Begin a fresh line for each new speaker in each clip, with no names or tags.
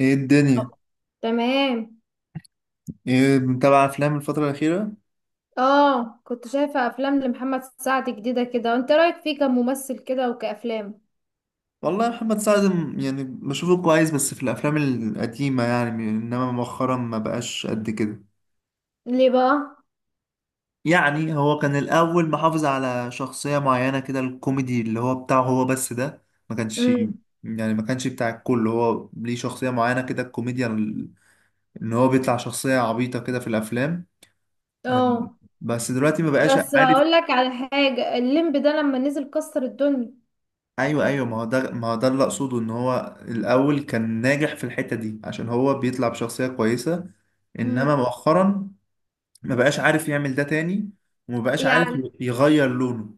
ايه الدنيا؟
تمام.
ايه متابع افلام الفترة الأخيرة؟
اه كنت شايفة افلام لمحمد سعد جديدة كده، وانت رأيك فيه كممثل كده وكأفلام؟
والله محمد سعد يعني بشوفه كويس بس في الافلام القديمة يعني، انما مؤخرا ما بقاش قد كده.
ليه بقى؟
يعني هو كان الاول محافظ على شخصية معينة كده، الكوميدي اللي هو بتاعه هو بس ده،
امم
ما كانش بتاع الكل. هو ليه شخصية معينة كده، الكوميديا ان هو بيطلع شخصية عبيطة كده في الافلام. أم،
اه
بس دلوقتي ما بقاش
بس
عارف.
هقول لك على حاجة، الليمب ده لما نزل كسر الدنيا.
ايوه، ايوه، ما هو ده ما هو ده اللي اقصده، ان هو الاول كان ناجح في الحته دي عشان هو بيطلع بشخصيه كويسه. انما
امم
مؤخرا ما بقاش عارف يعمل ده تاني، وما بقاش عارف
يعني
يغير لونه.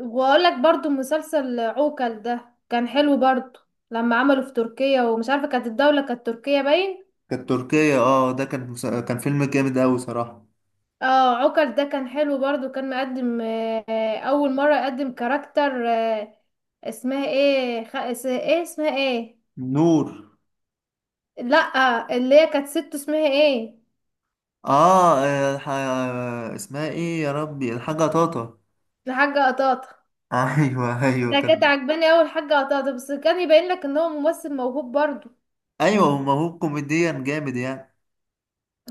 واقول لك برضو مسلسل عوكل ده كان حلو برضو، لما عمله في تركيا، ومش عارفة كانت الدولة كانت تركيا باين.
كانت تركيا، ده كان كان فيلم جامد قوي صراحه.
اه عكر ده كان حلو برضو، كان مقدم اول مرة يقدم كاركتر. اسمها ايه اسمها ايه؟
نور.
لا اللي هي كانت ست، اسمها ايه؟
اه، اسمها ايه يا ربي؟ الحاجه طاطا.
الحاجة قطاطة.
ايوه، ايوه،
ده كانت
كان.
عجباني اول حاجة قطاطة، بس كان يبين لك ان هو ممثل موهوب برضو.
ايوه، ما هو كوميديا جامد يعني.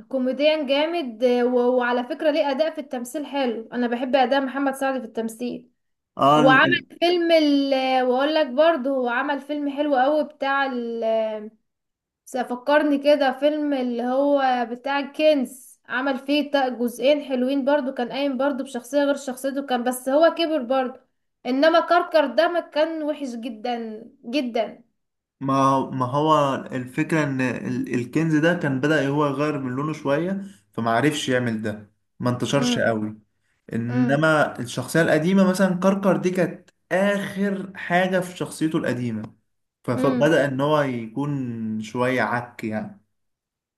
كوميديان جامد. وعلى فكرة ليه اداء في التمثيل حلو، انا بحب اداء محمد سعد في التمثيل.
اه،
وعمل فيلم واقول لك برضو هو عمل فيلم حلو قوي بتاع بس فكرني كده فيلم اللي هو بتاع الكنز، عمل فيه جزئين حلوين برضو، كان قايم برضو بشخصية غير شخصيته، كان بس هو كبر برضو. انما كركر ده ما كان وحش جدا جدا.
ما هو الفكرة إن الكنز ده كان بدأ هو يغير من لونه شوية، فمعرفش يعمل ده، ما انتشرش
امم
قوي.
امم
إنما الشخصية القديمة مثلا كركر دي كانت آخر حاجة في شخصيته القديمة.
امم
فبدأ إن هو يكون شوية عك يعني.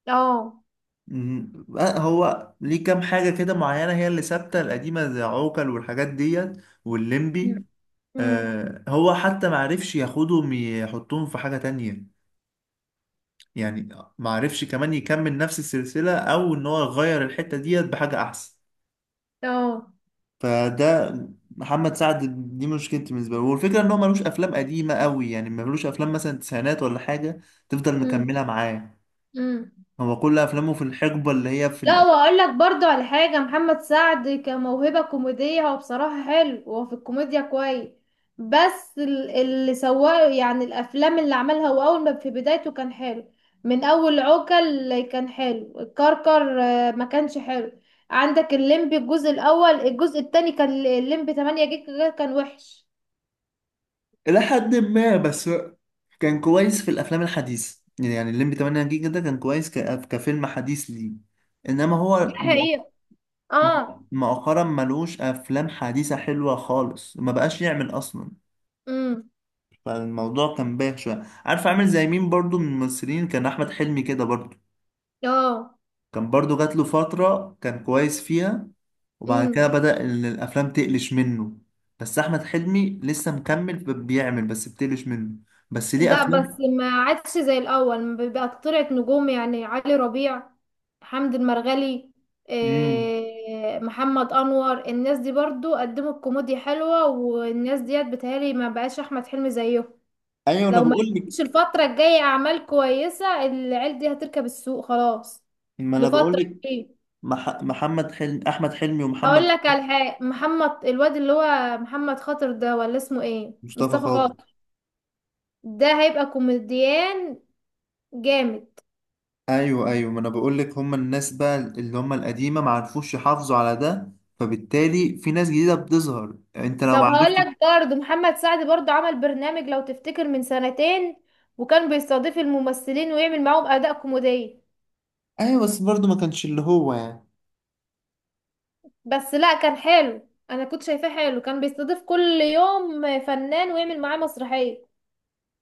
اه
مم. بقى هو ليه كام حاجة كده معينة هي اللي ثابتة القديمة، زي عوكل والحاجات ديت والليمبي.
امم امم،
هو حتى معرفش ياخدهم يحطهم في حاجة تانية يعني، ما عرفش كمان يكمل نفس السلسلة او ان هو يغير الحتة ديت بحاجة احسن.
اه
فده محمد سعد، دي مشكلتي بالنسبة له. والفكرة ان هو ملوش افلام قديمة قوي يعني، ملوش افلام مثلا تسعينات ولا حاجة تفضل
امم
مكملة معاه.
امم.
هو كل افلامه في الحقبة اللي هي في
لا واقول لك برضو على حاجة، محمد سعد كموهبة كوميدية هو بصراحة حلو، هو في الكوميديا كويس. بس اللي سواه يعني الافلام اللي عملها، هو اول ما في بدايته كان حلو. من اول عوكل كان حلو، الكركر ما كانش حلو. عندك الليمبي الجزء الاول، الجزء التاني كان الليمبي 8 جيجا كان وحش.
الى حد ما. بس كان كويس في الافلام الحديثة، يعني الليمبي 8 جيجا ده كان كويس كفيلم حديث ليه، انما
ده
هو
حقيقة. اه
مؤخرا ملوش افلام حديثة حلوة خالص، ما بقاش يعمل اصلا.
امم
فالموضوع كان بايخ شويه. عارف عامل زي مين برضو من الممثلين؟ كان احمد حلمي كده برضو،
اه
كان برضو جات له فتره كان كويس فيها، وبعد
امم
كده بدأ ان الافلام تقلش منه. بس احمد حلمي لسه مكمل بيعمل، بس بتقلش منه، بس ليه
ده بس
افلام.
ما عادش زي الاول بقى، طلعت نجوم يعني علي ربيع، حمد المرغلي،
امم.
إيه محمد انور، الناس دي برضو قدموا الكوميديا حلوة، والناس ديت بتهيألي ما بقاش احمد حلمي زيهم.
ايوه انا
لو ما
بقول
قدمش
لك.
الفترة الجاية اعمال كويسة، العيال دي هتركب السوق خلاص
ما انا بقول
لفترة
لك،
كبيرة.
محمد حلمي، احمد حلمي
هقول
ومحمد
لك على حاجة، محمد الواد اللي هو محمد خاطر ده، ولا اسمه ايه؟
مصطفى
مصطفى
خاطر.
خاطر. ده هيبقى كوميديان جامد.
ايوه، ايوه، ما انا بقول لك، هم الناس بقى اللي هم القديمه ما عرفوش يحافظوا على ده، فبالتالي في ناس جديدة بتظهر انت لو
طب هقول
معرفتش.
لك برضه محمد سعد برضه عمل برنامج لو تفتكر من سنتين، وكان بيستضيف الممثلين ويعمل معاهم اداء كوميدي.
ايوه، بس برضه ما كانش اللي هو يعني.
بس لا كان حلو، انا كنت شايفاه حلو، كان بيستضيف كل يوم فنان ويعمل معاه مسرحية.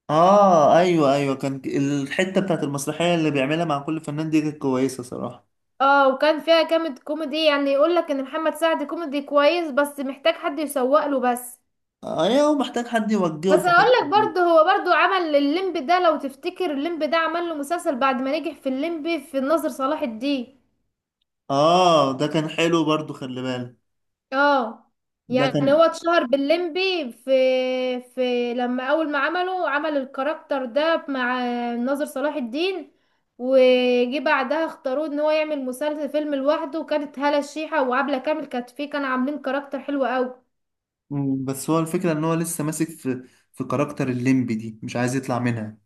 اه، ايوه، ايوه، كان الحته بتاعت المسرحيه اللي بيعملها مع كل فنان دي كانت كويسه صراحه.
اه وكان فيها كامد كوميدي، يعني يقول لك ان محمد سعد كوميدي كويس، بس محتاج حد يسوق له بس.
ايوه، هو محتاج حد يوجهه
بس
في
هقول
الحته
لك
دي.
برضه هو برضه عمل الليمب ده، لو تفتكر الليمب ده عمل له مسلسل بعد ما نجح في الليمب في الناظر صلاح الدين.
اه، ده كان حلو برضه، خلي بالك.
اه
ده
يعني
كان.
هو اتشهر باللمبي في لما اول ما عمله عمل الكاركتر ده مع ناظر صلاح الدين، وجي بعدها اختاروه ان هو يعمل مسلسل فيلم لوحده، وكانت هالة الشيحة وعبلة كامل كانت فيه، كانوا عاملين كاركتر حلو قوي.
بس هو الفكره ان هو لسه ماسك في كاركتر الليمبي دي، مش عايز يطلع منها.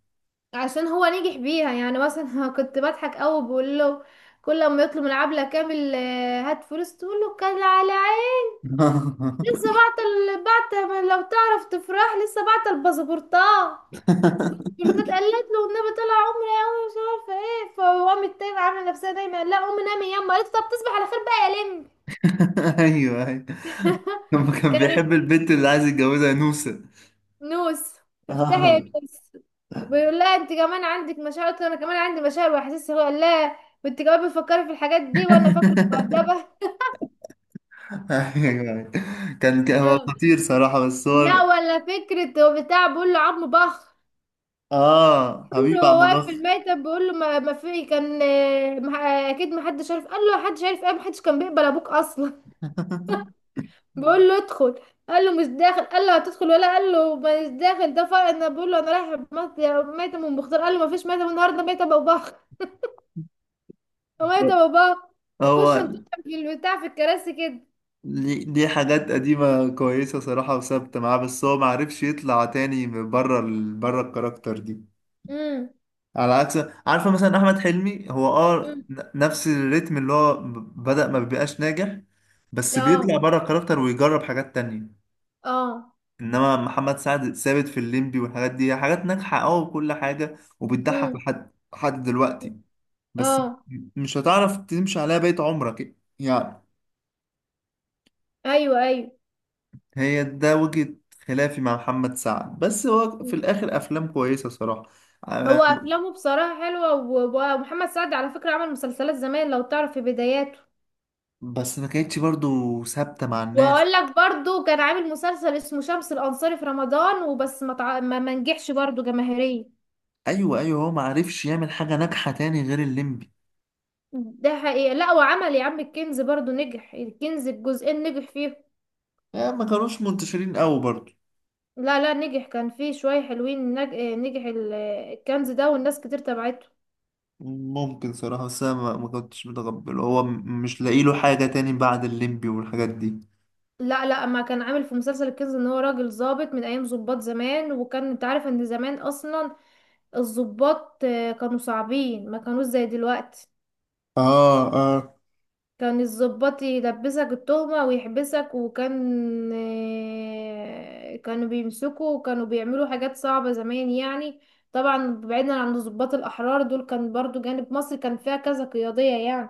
عشان هو نجح بيها، يعني مثلا كنت بضحك قوي بقول له كل ما يطلب من عبلة كامل هات فلوس تقول له كان على عين. لسه بعت بعت، لو تعرف تفرح لسه بعت الباسبورتات فردات. قالت له النبي طلع عمري قوي مش عارفه ايه، فهو قامت تاني عامله نفسها نايمه، قال لها قومي نامي يما، قالت له طب تصبح على خير بقى يا لم.
ايوه، ايوه. لما كان بيحب
كانت
البنت اللي عايز يتجوزها نوسه.
نوس. افتحي يا
اه.
نوس. بيقول لها انت كمان عندك مشاعر، قالت له انا كمان عندي مشاعر واحاسيس، هو قال لها وانت كمان بتفكري في الحاجات دي وانا فاكرك مؤدبه.
ايوه، أيوة. كان هو
اه.
خطير صراحة، بس هو
لا ولا فكره، هو بتاع بيقول له عظم بخ.
اه
بيقول له
حبيب
هو
عم بخ.
واقف في الميتم بيقول له ما في كان اكيد ما حدش عارف، قال له حدش عارف ايه، ما حدش كان بيقبل ابوك اصلا. بقول له ادخل، قال له مش داخل، قال له هتدخل ولا؟ قال له مش داخل، ده فرق. انا بقول له انا رايح ميتة من بختار، قال له ما فيش ميتة النهارده، ميتة باباخ، ميتة باباخ. وخش
هو
انت في البتاع في الكراسي كده.
دي حاجات قديمة كويسة صراحة وثابتة معاه، بس هو معرفش يطلع تاني من بره بره الكاركتر دي،
امم
على عكس عارفة مثلا أحمد حلمي هو
امم
نفس الريتم اللي هو بدأ ما بيبقاش ناجح، بس بيطلع
اه
بره الكاركتر ويجرب حاجات تانية.
اه
إنما محمد سعد ثابت في الليمبي، والحاجات دي حاجات ناجحة أوي وكل حاجة، وبتضحك
امم
لحد دلوقتي. بس
اه
مش هتعرف تمشي عليها بقية عمرك يعني.
ايوه ايوه.
هي ده وجهة خلافي مع محمد سعد، بس هو في الآخر أفلام كويسة صراحة. آه،
هو افلامه بصراحه حلوه ومحمد سعد على فكره عمل مسلسلات زمان لو تعرف في بداياته.
بس ما كانتش برضو ثابتة مع الناس.
واقول لك برضو كان عامل مسلسل اسمه شمس الانصاري في رمضان وبس، ما تع... ما ما نجحش برضو جماهيريا.
أيوة، أيوة، هو ما عرفش يعمل حاجة ناجحة تاني غير الليمبي.
ده حقيقة. لا وعمل يا عم الكنز برضو، نجح الكنز بجزئين نجح فيه.
ما كانوش منتشرين قوي برضو.
لا لا نجح، كان فيه شوية حلوين نج... آه، نجح الكنز ده، والناس كتير تبعته.
ممكن صراحة، بس أنا ما كنتش متقبل، هو مش لاقي له حاجة تاني بعد الليمبي والحاجات دي.
لا لا ما كان عامل في مسلسل الكنز ان هو راجل ضابط من ايام ضباط زمان، وكان انت عارف ان زمان اصلا الضباط كانوا صعبين ما كانوش زي دلوقتي،
اه، اه،
كان الضباط يلبسك التهمة ويحبسك، وكان كانوا بيمسكوا وكانوا بيعملوا حاجات صعبة زمان يعني. طبعا بعيدا عن الضباط الأحرار دول، كان برضو جانب مصر كان فيها كذا قيادية يعني.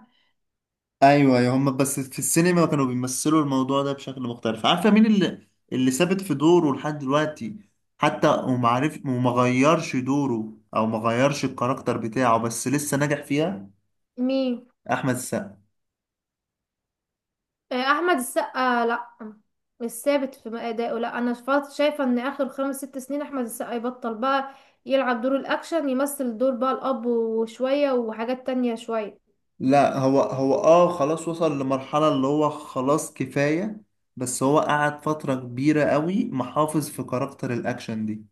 ايوه، أيوة. هم بس في السينما كانوا بيمثلوا الموضوع ده بشكل مختلف. عارفه مين اللي ثابت في دوره لحد دلوقتي، حتى وما عارف وما غيرش دوره او ما غيرش الكاركتر بتاعه بس لسه ناجح فيها؟
مين؟
احمد السقا.
أحمد السقا لأ، مش ثابت في أدائه لأ، أنا شايفة إن آخر خمس ست سنين أحمد السقا يبطل بقى يلعب دور الأكشن، يمثل دور بقى الأب وشوية وحاجات تانية شوية.
لا، هو اه خلاص، وصل لمرحله اللي هو خلاص كفايه، بس هو قعد فتره كبيره قوي محافظ في كاركتر الاكشن دي.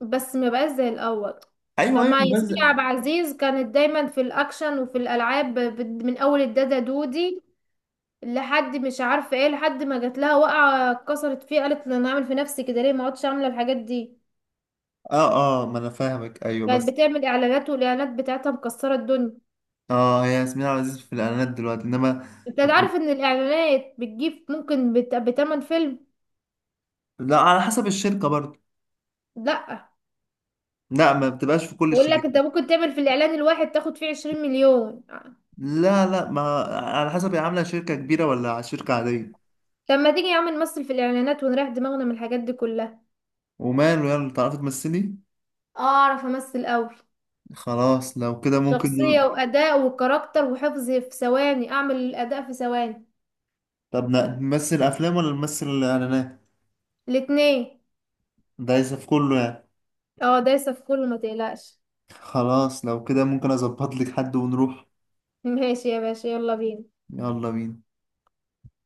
بس ما بقاش زي الاول.
ايوه،
طب
ايوه،
ما
بس
ياسمين عبد العزيز كانت دايما في الاكشن وفي الالعاب، من اول الدادا دودي لحد مش عارفه ايه، لحد ما جات لها وقعه اتكسرت فيه، قالت انا اعمل في نفسي كده ليه، ما عدتش عامله الحاجات دي.
اه، اه، ما انا فاهمك. ايوه
كانت
بس
بتعمل اعلانات، والاعلانات بتاعتها مكسره الدنيا.
اه، هي ياسمين عبد العزيز في الاعلانات دلوقتي، انما
انت عارف ان الاعلانات بتجيب ممكن بتمن فيلم.
لا، على حسب الشركة برضه،
لا
لا ما بتبقاش في كل
بقول لك
الشركات.
انت ممكن تعمل في الاعلان الواحد تاخد فيه 20 مليون.
لا، لا، ما، على حسب هي عاملة شركة كبيرة ولا شركة عادية.
طب ما تيجي يا عم نمثل في الاعلانات ونريح دماغنا من الحاجات دي كلها.
وماله، يلا تعرفي تمثلي.
اعرف امثل قوي،
خلاص لو كده ممكن
شخصية وأداء وكاركتر وحفظ في ثواني، أعمل الأداء في ثواني.
طب نمثل أفلام ولا نمثل إعلانات؟
الاتنين.
ده عايزة في كله يعني.
اه دايسة في كله ما تقلقش.
خلاص لو كده ممكن أظبط لك حد ونروح.
ماشي يا باشا، يلا بينا.
يلا بينا.